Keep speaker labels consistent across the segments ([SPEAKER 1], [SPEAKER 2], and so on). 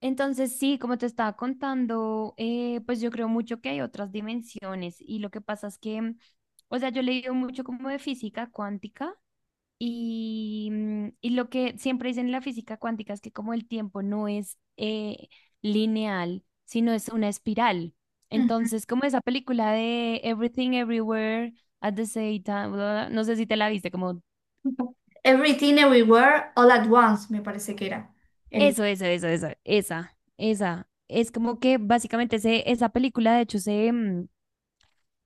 [SPEAKER 1] Entonces, sí, como te estaba contando, pues yo creo mucho que hay otras dimensiones y lo que pasa es que, o sea, yo he leído mucho como de física cuántica y lo que siempre dicen en la física cuántica es que como el tiempo no es lineal, sino es una espiral.
[SPEAKER 2] Mm.
[SPEAKER 1] Entonces, como esa película de Everything Everywhere at the same time, bla, bla, bla, no sé si te la viste, como
[SPEAKER 2] Everything Everywhere All at Once, me parece que era. El...
[SPEAKER 1] eso, esa, esa. Es como que básicamente esa película, de hecho,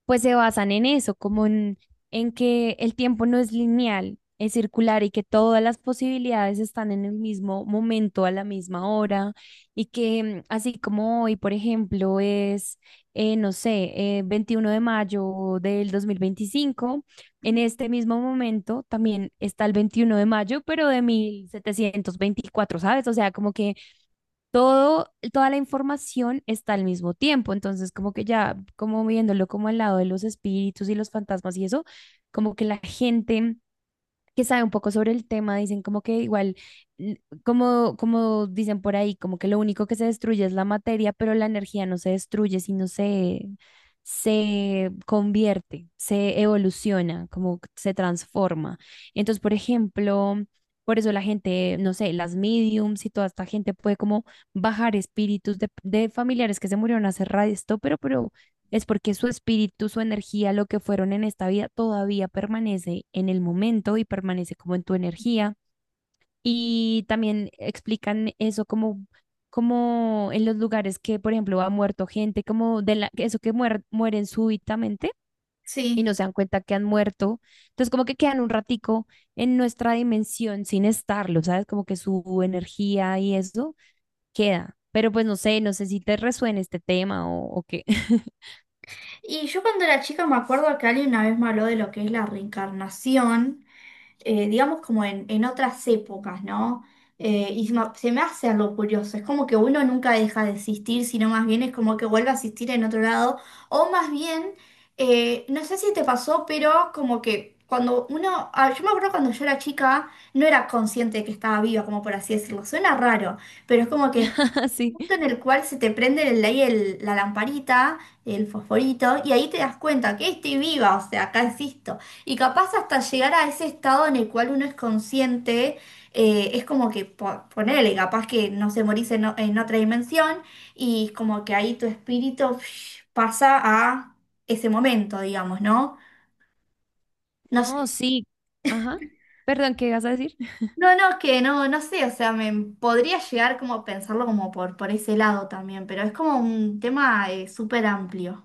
[SPEAKER 1] pues se basan en eso, como en que el tiempo no es lineal, es circular y que todas las posibilidades están en el mismo momento, a la misma hora, y que así como hoy, por ejemplo, es, no sé, 21 de mayo del 2025 en este mismo momento también está el 21 de mayo, pero de 1724. ¿Sabes? O sea, como que toda la información está al mismo tiempo. Entonces, como que ya, como viéndolo como al lado de los espíritus y los fantasmas y eso, como que la gente que sabe un poco sobre el tema, dicen como que igual, como dicen por ahí, como que lo único que se destruye es la materia, pero la energía no se destruye, sino se, se convierte, se evoluciona, como que se transforma. Entonces, por ejemplo, por eso la gente, no sé, las mediums y toda esta gente puede como bajar espíritus de familiares que se murieron hace rato, pero es porque su espíritu, su energía, lo que fueron en esta vida, todavía permanece en el momento y permanece como en tu energía. Y también explican eso como, como en los lugares que, por ejemplo, ha muerto gente, como de la, eso que mueren súbitamente y no
[SPEAKER 2] Sí.
[SPEAKER 1] se dan cuenta que han muerto. Entonces, como que quedan un ratico en nuestra dimensión sin estarlo, ¿sabes? Como que su energía y eso queda. Pero pues no sé, si te resuena este tema o qué.
[SPEAKER 2] Y yo cuando era chica me acuerdo que alguien una vez me habló de lo que es la reencarnación, digamos como en otras épocas, ¿no? Y se me hace algo curioso, es como que uno nunca deja de existir, sino más bien es como que vuelve a existir en otro lado, o más bien, no sé si te pasó, pero como que cuando uno, ah, yo me acuerdo cuando yo era chica, no era consciente de que estaba viva, como por así decirlo, suena raro, pero es como que
[SPEAKER 1] Sí.
[SPEAKER 2] punto en el cual se te prende ahí la lamparita, el fosforito, y ahí te das cuenta que estoy viva, o sea, acá existo. Y capaz hasta llegar a ese estado en el cual uno es consciente, es como que ponele, capaz que no se morís en, en otra dimensión, y como que ahí tu espíritu psh, pasa a ese momento, digamos, ¿no? No
[SPEAKER 1] No,
[SPEAKER 2] sé.
[SPEAKER 1] sí. Ajá. Perdón, ¿qué ibas a decir?
[SPEAKER 2] No, no, es que no, no sé, o sea, me podría llegar como a pensarlo como por ese lado también, pero es como un tema súper amplio.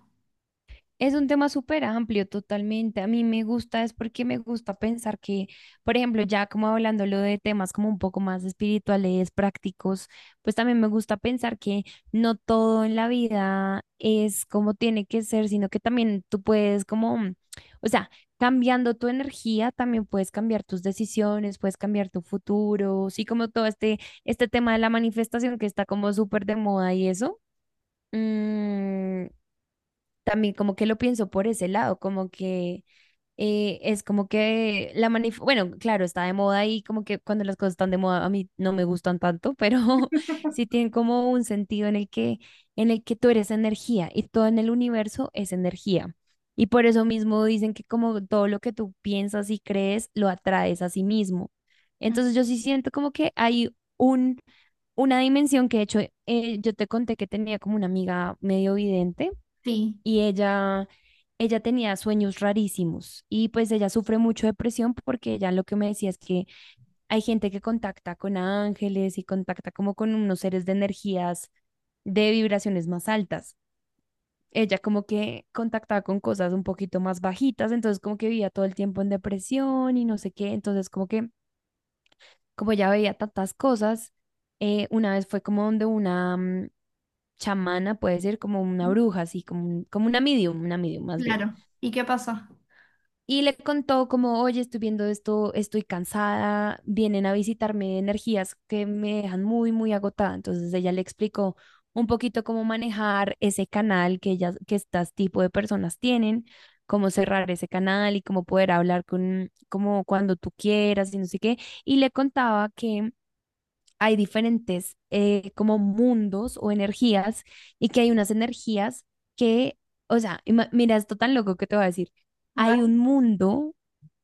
[SPEAKER 1] Es un tema súper amplio, totalmente. A mí me gusta, es porque me gusta pensar que, por ejemplo, ya como hablándolo de temas como un poco más espirituales, prácticos, pues también me gusta pensar que no todo en la vida es como tiene que ser, sino que también tú puedes como, o sea, cambiando tu energía, también puedes cambiar tus decisiones, puedes cambiar tu futuro, sí, como todo este tema de la manifestación que está como súper de moda y eso. Mm, también como que lo pienso por ese lado, como que es como que la manif bueno, claro, está de moda y como que cuando las cosas están de moda a mí no me gustan tanto, pero sí tienen como un sentido en el que tú eres energía y todo en el universo es energía. Y por eso mismo dicen que como todo lo que tú piensas y crees lo atraes a sí mismo.
[SPEAKER 2] Mm.
[SPEAKER 1] Entonces yo sí siento como que hay un una dimensión que de hecho yo te conté que tenía como una amiga medio vidente
[SPEAKER 2] Sí,
[SPEAKER 1] y ella tenía sueños rarísimos y pues ella sufre mucho depresión porque ella lo que me decía es que hay gente que contacta con ángeles y contacta como con unos seres de energías de vibraciones más altas. Ella como que contactaba con cosas un poquito más bajitas, entonces como que vivía todo el tiempo en depresión y no sé qué, entonces como que como ella veía tantas cosas, una vez fue como donde una chamana, puede ser como una bruja, así como, como una medium más bien.
[SPEAKER 2] claro. ¿Y qué pasó?
[SPEAKER 1] Y le contó como, oye, estoy viendo esto, estoy cansada, vienen a visitarme energías que me dejan muy, muy agotada. Entonces ella le explicó un poquito cómo manejar ese canal que ellas, que estas tipo de personas tienen, cómo cerrar ese canal y cómo poder hablar con, como cuando tú quieras y no sé qué. Y le contaba que hay diferentes como mundos o energías y que hay unas energías que, o sea, mira, esto tan loco que te voy a decir,
[SPEAKER 2] A
[SPEAKER 1] hay
[SPEAKER 2] ver.
[SPEAKER 1] un mundo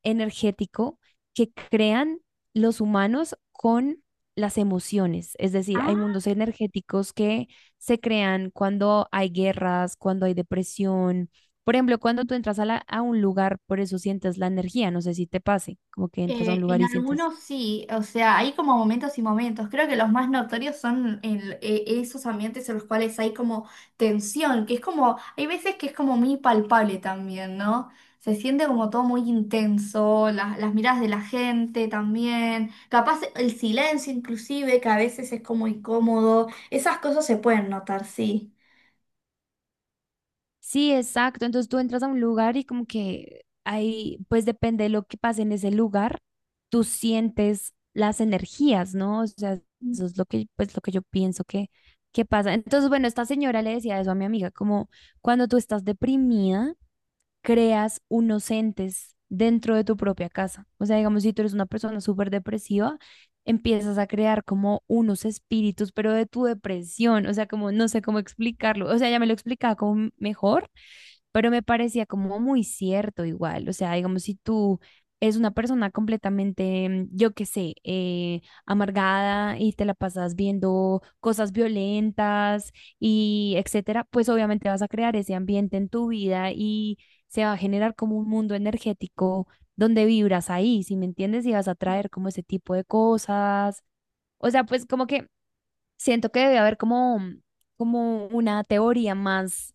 [SPEAKER 1] energético que crean los humanos con las emociones, es decir, hay
[SPEAKER 2] Ah,
[SPEAKER 1] mundos energéticos que se crean cuando hay guerras, cuando hay depresión. Por ejemplo, cuando tú entras a un lugar, por eso sientes la energía, no sé si te pase, como que entras a un lugar
[SPEAKER 2] en
[SPEAKER 1] y sientes.
[SPEAKER 2] algunos sí, o sea, hay como momentos y momentos. Creo que los más notorios son en, esos ambientes en los cuales hay como tensión, que es como, hay veces que es como muy palpable también, ¿no? Se siente como todo muy intenso, las miradas de la gente también, capaz el silencio inclusive, que a veces es como incómodo. Esas cosas se pueden notar, sí.
[SPEAKER 1] Sí, exacto. Entonces tú entras a un lugar y como que ahí, pues depende de lo que pase en ese lugar, tú sientes las energías, ¿no? O sea, eso es lo que, pues lo que yo pienso que, pasa. Entonces, bueno, esta señora le decía eso a mi amiga, como cuando tú estás deprimida, creas unos entes dentro de tu propia casa. O sea, digamos, si tú eres una persona súper depresiva, empiezas a crear como unos espíritus, pero de tu depresión. O sea, como no sé cómo explicarlo. O sea, ya me lo explicaba como mejor, pero me parecía como muy cierto igual, o sea, digamos, si tú es una persona completamente, yo qué sé, amargada y te la pasas viendo cosas violentas y etcétera, pues obviamente vas a crear ese ambiente en tu vida y se va a generar como un mundo energético donde vibras ahí, si me entiendes, y vas a traer como ese tipo de cosas. O sea, pues como que siento que debe haber como una teoría más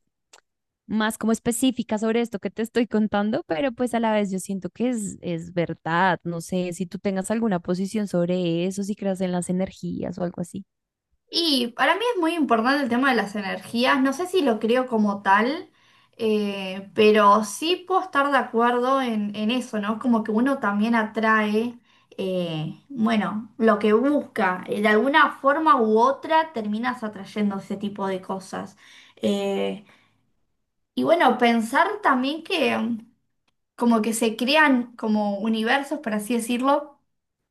[SPEAKER 1] más como específica sobre esto que te estoy contando, pero pues a la vez yo siento que es verdad. No sé si tú tengas alguna posición sobre eso, si creas en las energías o algo así.
[SPEAKER 2] Y para mí es muy importante el tema de las energías. No sé si lo creo como tal, pero sí puedo estar de acuerdo en eso, ¿no? Como que uno también atrae, bueno, lo que busca. De alguna forma u otra terminas atrayendo ese tipo de cosas. Eh, y bueno, pensar también que mm, como que se crean como universos, por así decirlo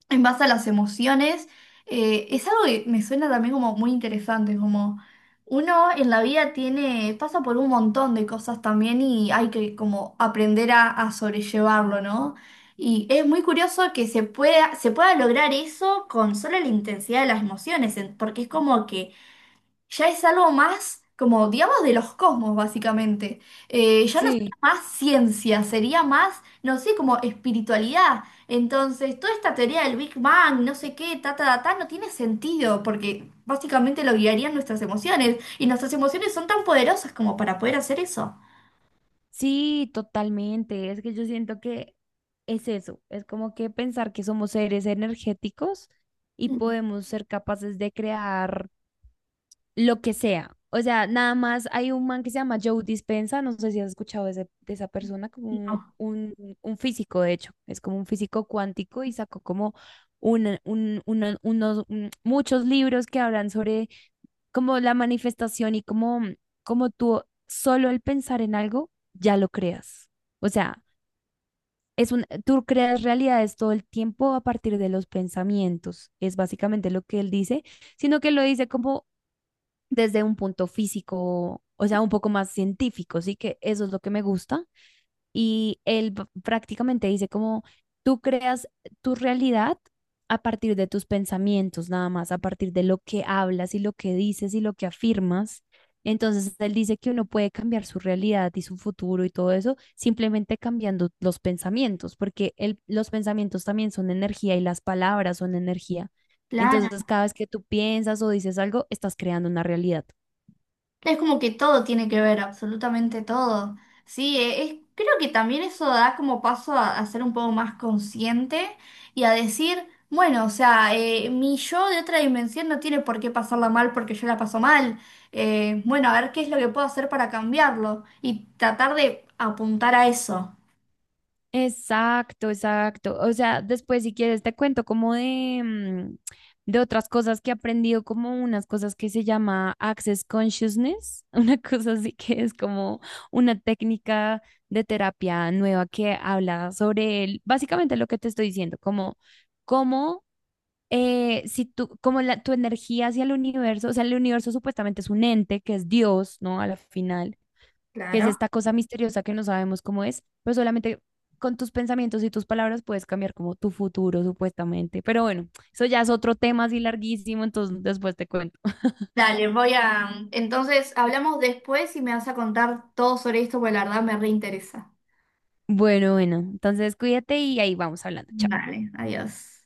[SPEAKER 2] en base a las emociones. Es algo que me suena también como muy interesante, como uno en la vida tiene, pasa por un montón de cosas también y hay que como aprender a sobrellevarlo, ¿no? Y es muy curioso que se pueda lograr eso con solo la intensidad de las emociones, en- porque es como que ya es algo más, como digamos, de los cosmos, básicamente. Ya no
[SPEAKER 1] Sí.
[SPEAKER 2] sería más ciencia, sería más, no sé, como espiritualidad. Entonces, toda esta teoría del Big Bang, no sé qué, ta, ta, ta, ta, no tiene sentido, porque básicamente lo guiarían nuestras emociones, y nuestras emociones son tan poderosas como para poder hacer eso.
[SPEAKER 1] Sí, totalmente. Es que yo siento que es eso, es como que pensar que somos seres energéticos y
[SPEAKER 2] Mm.
[SPEAKER 1] podemos ser capaces de crear lo que sea. O sea, nada más hay un man que se llama Joe Dispenza, no sé si has escuchado de, de esa persona, como un,
[SPEAKER 2] No,
[SPEAKER 1] un- un físico, de hecho, es como un físico cuántico y sacó como muchos libros que hablan sobre como la manifestación y como tú solo el pensar en algo ya lo creas. O sea, tú creas realidades todo el tiempo a partir de los pensamientos, es básicamente lo que él dice, sino que lo dice como desde un punto físico, o sea, un poco más científico, sí que eso es lo que me gusta. Y él prácticamente dice como tú creas tu realidad a partir de tus pensamientos, nada más, a partir de lo que hablas y lo que dices y lo que afirmas. Entonces, él dice que uno puede cambiar su realidad y su futuro y todo eso simplemente cambiando los pensamientos, porque los pensamientos también son energía y las palabras son energía. Entonces,
[SPEAKER 2] claro.
[SPEAKER 1] cada vez que tú piensas o dices algo, estás creando una realidad.
[SPEAKER 2] Es como que todo tiene que ver, absolutamente todo. Sí, es, creo que también eso da como paso a ser un poco más consciente y a decir, bueno, o sea, mi yo de otra dimensión no tiene por qué pasarla mal porque yo la paso mal. Bueno, a ver qué es lo que puedo hacer para cambiarlo y tratar de apuntar a eso.
[SPEAKER 1] Exacto, exacto. O sea, después si quieres te cuento como de, de otras cosas que he aprendido, como unas cosas que se llama Access Consciousness, una cosa así que es como una técnica de terapia nueva que habla sobre básicamente lo que te estoy diciendo, como cómo si tú, como tu energía hacia el universo, o sea, el universo supuestamente es un ente que es Dios, ¿no? A la final que es
[SPEAKER 2] Claro.
[SPEAKER 1] esta cosa misteriosa que no sabemos cómo es, pero solamente con tus pensamientos y tus palabras puedes cambiar como tu futuro, supuestamente. Pero bueno, eso ya es otro tema así larguísimo, entonces después te cuento.
[SPEAKER 2] Dale, voy a... Entonces, hablamos después y me vas a contar todo sobre esto porque la verdad me reinteresa.
[SPEAKER 1] Bueno, bueno, entonces cuídate y ahí vamos hablando. Chao.
[SPEAKER 2] Vale, adiós.